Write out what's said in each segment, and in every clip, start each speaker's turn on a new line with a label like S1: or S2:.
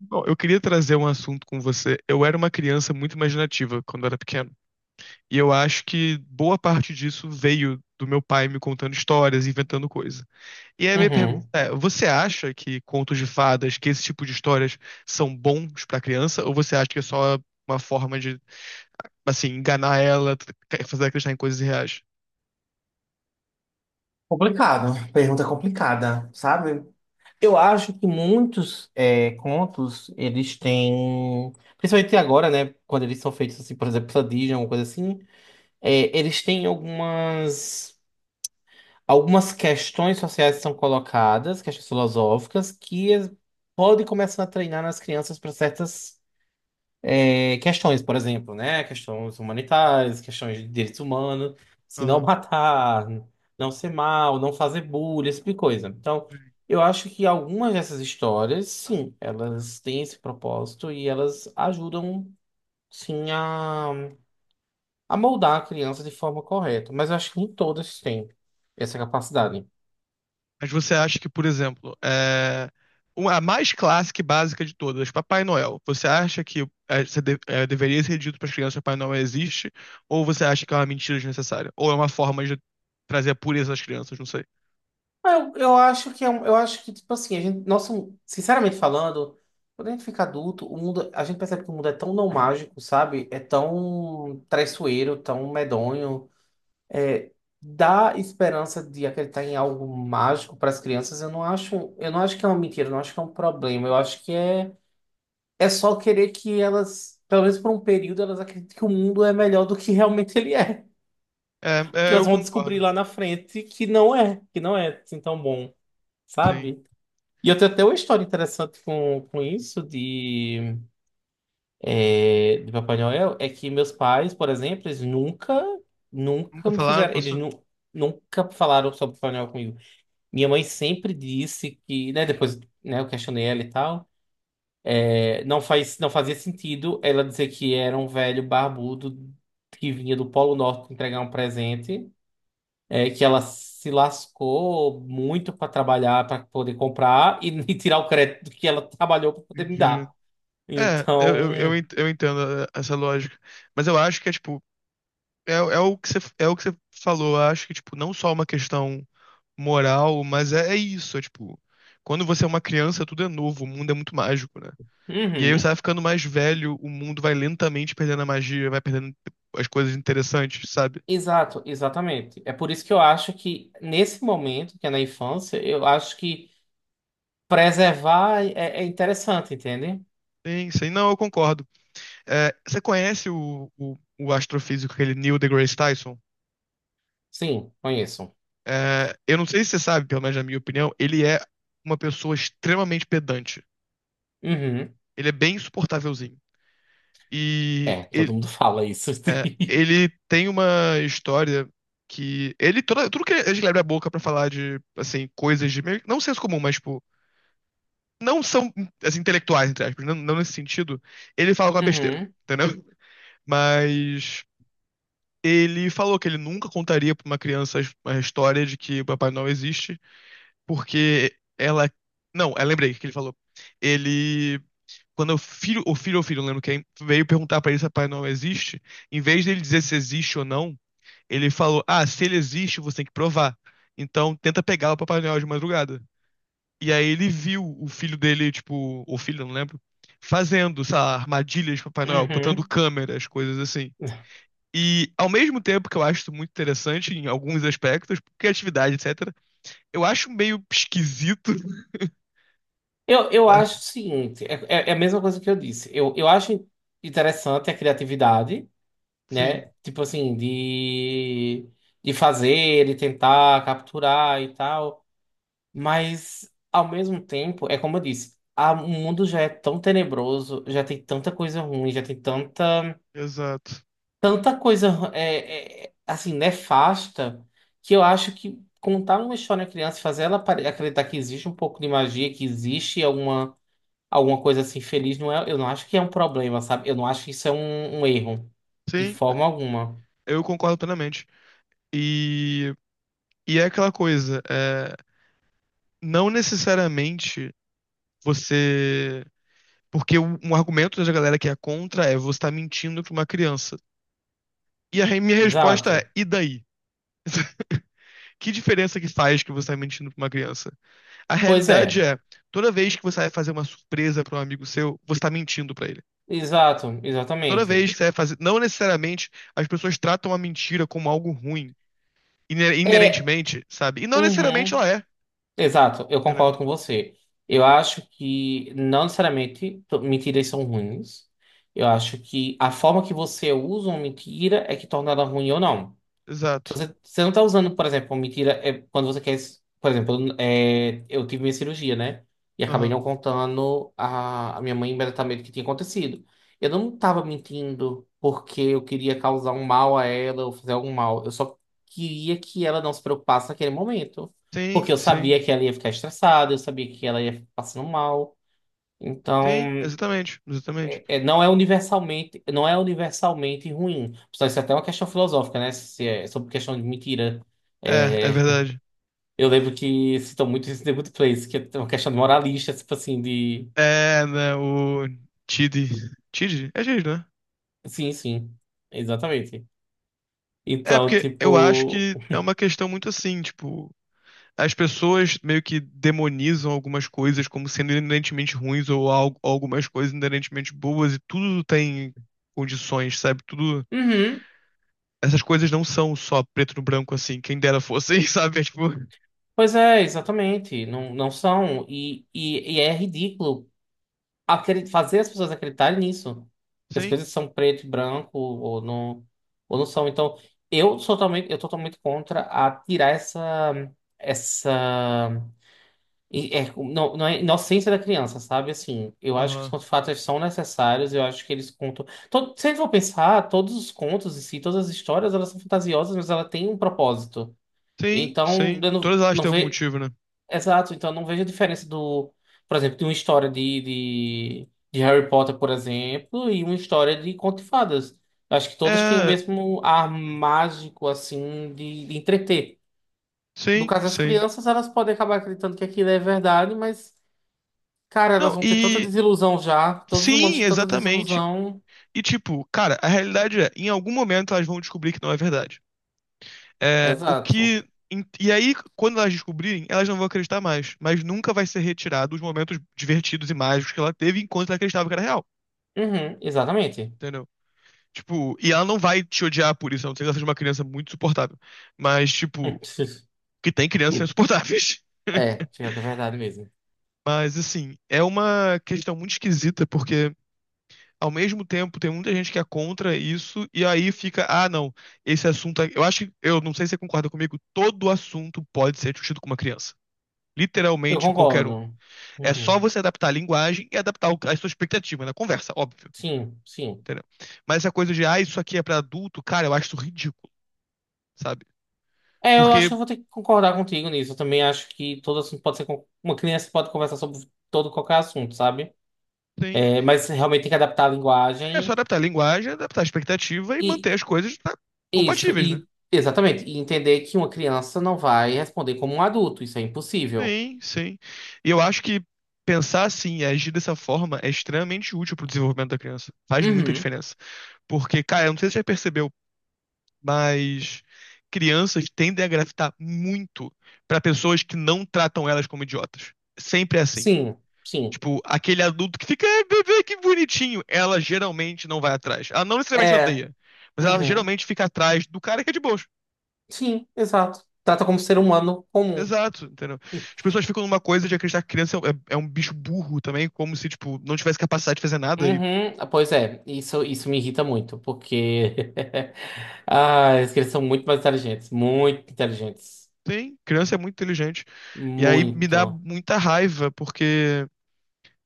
S1: Bom, eu queria trazer um assunto com você. Eu era uma criança muito imaginativa quando eu era pequeno. E eu acho que boa parte disso veio do meu pai me contando histórias, inventando coisa. E aí a minha pergunta
S2: Uhum.
S1: é: você acha que contos de fadas, que esse tipo de histórias são bons pra criança? Ou você acha que é só uma forma de, assim, enganar ela, fazer ela acreditar em coisas reais?
S2: Complicado, pergunta complicada, sabe? Eu acho que muitos contos, eles têm, principalmente agora, né, quando eles são feitos assim, por exemplo, pela Disney, alguma coisa assim, eles têm algumas questões sociais que são colocadas, questões filosóficas, que podem começar a treinar nas crianças para certas questões, por exemplo, né? Questões humanitárias, questões de direitos humanos, se não
S1: Aham.
S2: matar, não ser mal, não fazer bullying, esse tipo de coisa. Então, eu acho que algumas dessas histórias, sim, elas têm esse propósito e elas ajudam, sim, a moldar a criança de forma correta. Mas eu acho que nem todas têm essa capacidade.
S1: Mas você acha que, por exemplo, a mais clássica e básica de todas, Papai Noel, você acha que é, é, deveria ser dito para as crianças que Papai Noel existe? Ou você acha que é uma mentira desnecessária? Ou é uma forma de trazer a pureza às crianças? Não sei.
S2: Ah, eu acho que eu acho que, tipo assim, a gente, nossa, sinceramente falando, quando a gente fica adulto, a gente percebe que o mundo é tão não mágico, sabe? É tão traiçoeiro, tão medonho. É, dá esperança de acreditar em algo mágico para as crianças, eu não acho que é uma mentira, eu não acho que é um problema. Eu acho que é, é só querer que elas, pelo menos por um período, elas acreditem que o mundo é melhor do que realmente ele é. Que
S1: É, é, eu
S2: elas vão descobrir
S1: concordo.
S2: lá na frente que não é assim tão bom,
S1: Sim.
S2: sabe? E eu tenho até uma história interessante com isso de, de Papai Noel, é que meus pais, por exemplo, eles nunca,
S1: Nunca
S2: nunca me
S1: falaram
S2: fizeram,
S1: pra você?
S2: nunca falaram sobre Papai Noel comigo. Minha mãe sempre disse que, né, depois, né, eu questionei ela e tal, não fazia sentido ela dizer que era um velho barbudo que vinha do Polo Norte entregar um presente, que ela se lascou muito para trabalhar, para poder comprar e, e tirar o crédito que ela trabalhou para poder me
S1: Entendi.
S2: dar.
S1: É, eu, eu, eu
S2: Então,
S1: ent- eu entendo essa lógica. Mas eu acho que é, tipo, é o que você falou. Eu acho que, tipo, não só uma questão moral, mas é, é isso. É, tipo, quando você é uma criança, tudo é novo, o mundo é muito mágico, né? E aí você
S2: uhum,
S1: vai ficando mais velho, o mundo vai lentamente perdendo a magia, vai perdendo tipo, as coisas interessantes, sabe?
S2: exato, exatamente. É por isso que eu acho que nesse momento, que é na infância, eu acho que preservar é interessante, entende?
S1: Sim, sim. Não, eu concordo. É, você conhece o astrofísico, aquele Neil deGrasse Tyson?
S2: Sim, conheço.
S1: É, eu não sei se você sabe, pelo menos na minha opinião, ele é uma pessoa extremamente pedante.
S2: Uhum.
S1: Ele é bem insuportávelzinho. E
S2: É, todo
S1: ele,
S2: mundo fala isso.
S1: é, ele tem uma história que ele toda, tudo que ele abre a boca pra falar de assim coisas de meio, não senso comum, mas tipo, não são as intelectuais entre aspas, não, não nesse sentido. Ele fala uma besteira,
S2: Uhum,
S1: entendeu? Mas ele falou que ele nunca contaria pra uma criança a história de que o Papai Noel existe, porque ela não, eu lembrei o que ele falou. Ele quando o filho ou filho, não lembro quem, veio perguntar pra ele se o Papai Noel existe, em vez dele dizer se existe ou não, ele falou: Ah, se ele existe, você tem que provar. Então tenta pegar o Papai Noel de madrugada. E aí ele viu o filho dele, tipo, ou filho, eu não lembro, fazendo, sei lá, armadilhas de Papai Noel, botando
S2: uhum.
S1: câmeras, coisas assim. E ao mesmo tempo que eu acho isso muito interessante em alguns aspectos, criatividade, etc., eu acho meio esquisito.
S2: Eu
S1: Sabe?
S2: acho o seguinte, é a mesma coisa que eu disse. Eu acho interessante a criatividade, né?
S1: Sim,
S2: Tipo assim, de fazer, de tentar capturar e tal. Mas, ao mesmo tempo, é como eu disse, o mundo já é tão tenebroso, já tem tanta coisa ruim,
S1: exato.
S2: tanta coisa, assim, nefasta, que eu acho que contar uma história à criança, acreditar que existe um pouco de magia, alguma coisa assim feliz, eu não acho que é um problema, sabe? Eu não acho que isso é um erro, de
S1: Sim,
S2: forma alguma.
S1: eu concordo plenamente. E, e é aquela coisa, é, não necessariamente você. Porque um argumento da galera que é contra é você tá mentindo pra uma criança. E minha resposta
S2: Exato.
S1: é, e daí? Que diferença que faz que você tá mentindo pra uma criança? A
S2: Pois
S1: realidade
S2: é,
S1: é, toda vez que você vai fazer uma surpresa pra um amigo seu, você tá mentindo pra ele. Toda
S2: exatamente.
S1: vez que você vai fazer, não necessariamente as pessoas tratam a mentira como algo ruim,
S2: É,
S1: inerentemente, sabe? E não necessariamente ela
S2: uhum.
S1: é,
S2: Exato, eu
S1: entendeu?
S2: concordo com você. Eu acho que não necessariamente to- mentiras são ruins. Eu acho que a forma que você usa uma mentira é que torna ela ruim ou não. Se
S1: Exato.
S2: você, você não tá usando, por exemplo, mentira, é quando você quer. Por exemplo, eu tive minha cirurgia, né? E acabei
S1: Aham.
S2: não contando a minha mãe imediatamente o que tinha acontecido. Eu não tava mentindo porque eu queria causar um mal a ela ou fazer algum mal. Eu só queria que ela não se preocupasse naquele momento. Porque
S1: Sim,
S2: eu
S1: sim.
S2: sabia que ela ia ficar estressada, eu sabia que ela ia ficar passando mal.
S1: Sim,
S2: Então
S1: exatamente, exatamente.
S2: não é universalmente ruim. Só isso é até uma questão filosófica, né? Se é sobre questão de mentira.
S1: É, é
S2: É,
S1: verdade.
S2: eu lembro que citam muito isso em The Good Place, que é uma questão de moralista, tipo assim, de.
S1: É, né, o Tid. Tid? É Tid, né?
S2: Sim, sim. Exatamente.
S1: É,
S2: Então,
S1: porque eu acho
S2: tipo.
S1: que é uma questão muito assim, tipo, as pessoas meio que demonizam algumas coisas como sendo inerentemente ruins ou algo, algumas coisas inerentemente boas e tudo tem condições, sabe? Tudo.
S2: Uhum.
S1: Essas coisas não são só preto no branco assim, quem dera fosse, sabe? É tipo,
S2: Pois é, exatamente. Não, não são. E é ridículo. Fazer as pessoas acreditarem nisso. Que as
S1: sim,
S2: coisas são preto e branco, ou não são. Então, eu tô totalmente contra a tirar essa. Essa. É, não, não é inocência da criança, sabe? Assim, eu acho que os
S1: aham.
S2: contos fatos são necessários, eu acho que eles contam. Todo, se a gente for pensar, todos os contos em si, todas as histórias, elas são fantasiosas, mas ela tem um propósito.
S1: Sim,
S2: Então,
S1: sim.
S2: eu não,
S1: Todas elas
S2: não
S1: têm algum
S2: vejo.
S1: motivo, né?
S2: Exato, então não vejo a diferença do, por exemplo, de uma história de Harry Potter, por exemplo, e uma história de Conto de Fadas. Acho que todas têm o
S1: É,
S2: mesmo ar mágico, assim, de entreter. No
S1: sim,
S2: caso das
S1: sim.
S2: crianças, elas podem acabar acreditando que aquilo é verdade, mas, cara, elas
S1: Não,
S2: vão ter tanta
S1: e
S2: desilusão já. Todos os humanos
S1: sim,
S2: têm tanta
S1: exatamente.
S2: desilusão.
S1: E, tipo, cara, a realidade é, em algum momento elas vão descobrir que não é verdade. É, o
S2: Exato.
S1: que. E aí, quando elas descobrirem, elas não vão acreditar mais. Mas nunca vai ser retirado os momentos divertidos e mágicos que ela teve enquanto ela acreditava que era real.
S2: Uhum, exatamente.
S1: Entendeu? Tipo, e ela não vai te odiar por isso, a não ser que ela seja uma criança muito insuportável. Mas, tipo, que tem crianças insuportáveis.
S2: É, pior que é verdade mesmo.
S1: Mas, assim, é uma questão muito esquisita, porque ao mesmo tempo, tem muita gente que é contra isso, e aí fica, ah, não, esse assunto. Eu acho que, eu não sei se você concorda comigo, todo assunto pode ser discutido com uma criança.
S2: Eu
S1: Literalmente qualquer um.
S2: concordo.
S1: É só
S2: Uhum.
S1: você adaptar a linguagem e adaptar a sua expectativa na conversa, óbvio.
S2: Sim, sim.
S1: Entendeu? Mas essa coisa de, ah, isso aqui é pra adulto, cara, eu acho isso ridículo, sabe?
S2: É, eu acho
S1: Porque
S2: que eu vou ter que concordar contigo nisso. Eu também acho que todo assunto pode ser. Uma criança pode conversar sobre todo qualquer assunto, sabe?
S1: tem.
S2: É, mas realmente tem que adaptar a
S1: É só
S2: linguagem
S1: adaptar a linguagem, adaptar a expectativa e
S2: e
S1: manter as coisas tá,
S2: isso,
S1: compatíveis, né?
S2: e exatamente, e entender que uma criança não vai responder como um adulto, isso é impossível.
S1: Sim, sim. E eu acho que pensar assim e agir dessa forma é extremamente útil pro desenvolvimento da criança. Faz muita
S2: Uhum.
S1: diferença. Porque, cara, eu não sei se você já percebeu, mas crianças tendem a gravitar muito pra pessoas que não tratam elas como idiotas. Sempre é assim.
S2: Sim, sim.
S1: Tipo, aquele adulto que fica, ai, bebê, que bonitinho. Ela geralmente não vai atrás. Ela não necessariamente
S2: É,
S1: odeia, mas ela
S2: uhum.
S1: geralmente fica atrás do cara que é de boa.
S2: Sim, exato. Trata como ser humano comum.
S1: Exato, entendeu? As pessoas ficam numa coisa de acreditar que criança é, é um bicho burro também, como se, tipo, não tivesse capacidade de fazer nada. E
S2: Uhum. Ah, pois é, isso me irrita muito, porque ah, eles são muito mais inteligentes, muito inteligentes.
S1: tem, criança é muito inteligente. E aí me dá
S2: Muito.
S1: muita raiva, porque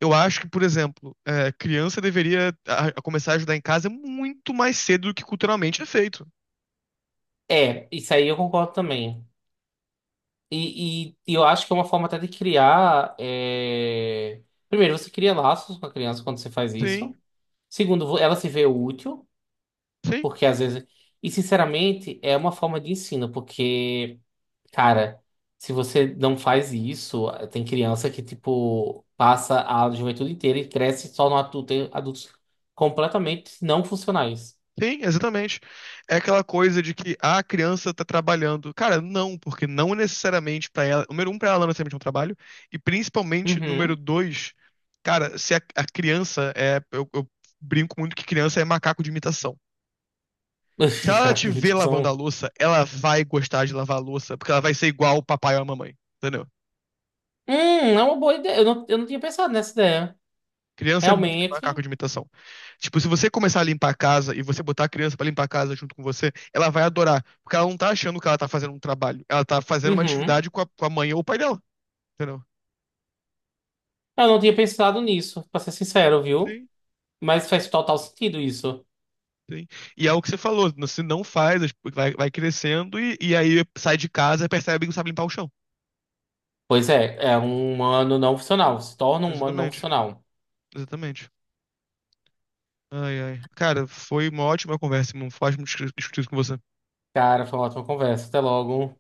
S1: eu acho que, por exemplo, é, criança deveria a começar a ajudar em casa muito mais cedo do que culturalmente é feito.
S2: É, isso aí eu concordo também. E eu acho que é uma forma até de criar. Primeiro, você cria laços com a criança quando você faz
S1: Sim,
S2: isso. Segundo, ela se vê útil,
S1: sim.
S2: porque às vezes. E sinceramente, é uma forma de ensino, porque, cara, se você não faz isso, tem criança que, tipo, passa a juventude inteira e cresce só no adulto, tem adultos completamente não funcionais.
S1: Sim, exatamente. É aquela coisa de que ah, a criança tá trabalhando. Cara, não, porque não necessariamente pra ela. Número um, pra ela não é necessariamente é um trabalho. E principalmente, número
S2: Uhum.
S1: dois, cara, se a criança é. Eu brinco muito que criança é macaco de imitação. Se ela
S2: Cara,
S1: te vê lavando a louça, ela vai gostar de lavar a louça, porque ela vai ser igual o papai ou a mamãe. Entendeu?
S2: hum, é uma boa ideia. Eu não tinha pensado nessa ideia.
S1: Criança é muito macaco
S2: Realmente.
S1: de imitação. Tipo, se você começar a limpar a casa e você botar a criança pra limpar a casa junto com você, ela vai adorar. Porque ela não tá achando que ela tá fazendo um trabalho. Ela tá fazendo uma
S2: Uhum.
S1: atividade com com a mãe ou o pai dela. Entendeu?
S2: Eu não tinha pensado nisso, pra ser sincero, viu?
S1: Sim,
S2: Mas faz total sentido isso.
S1: sim. E é o que você falou. Você não faz, vai crescendo e aí sai de casa e percebe que não sabe limpar o chão.
S2: Pois é, é um humano não funcional. Se torna um humano não
S1: Exatamente.
S2: funcional.
S1: Exatamente. Ai, ai. Cara, foi uma ótima conversa, irmão. Foi ótimo discutir isso com você.
S2: Cara, foi uma ótima conversa. Até logo.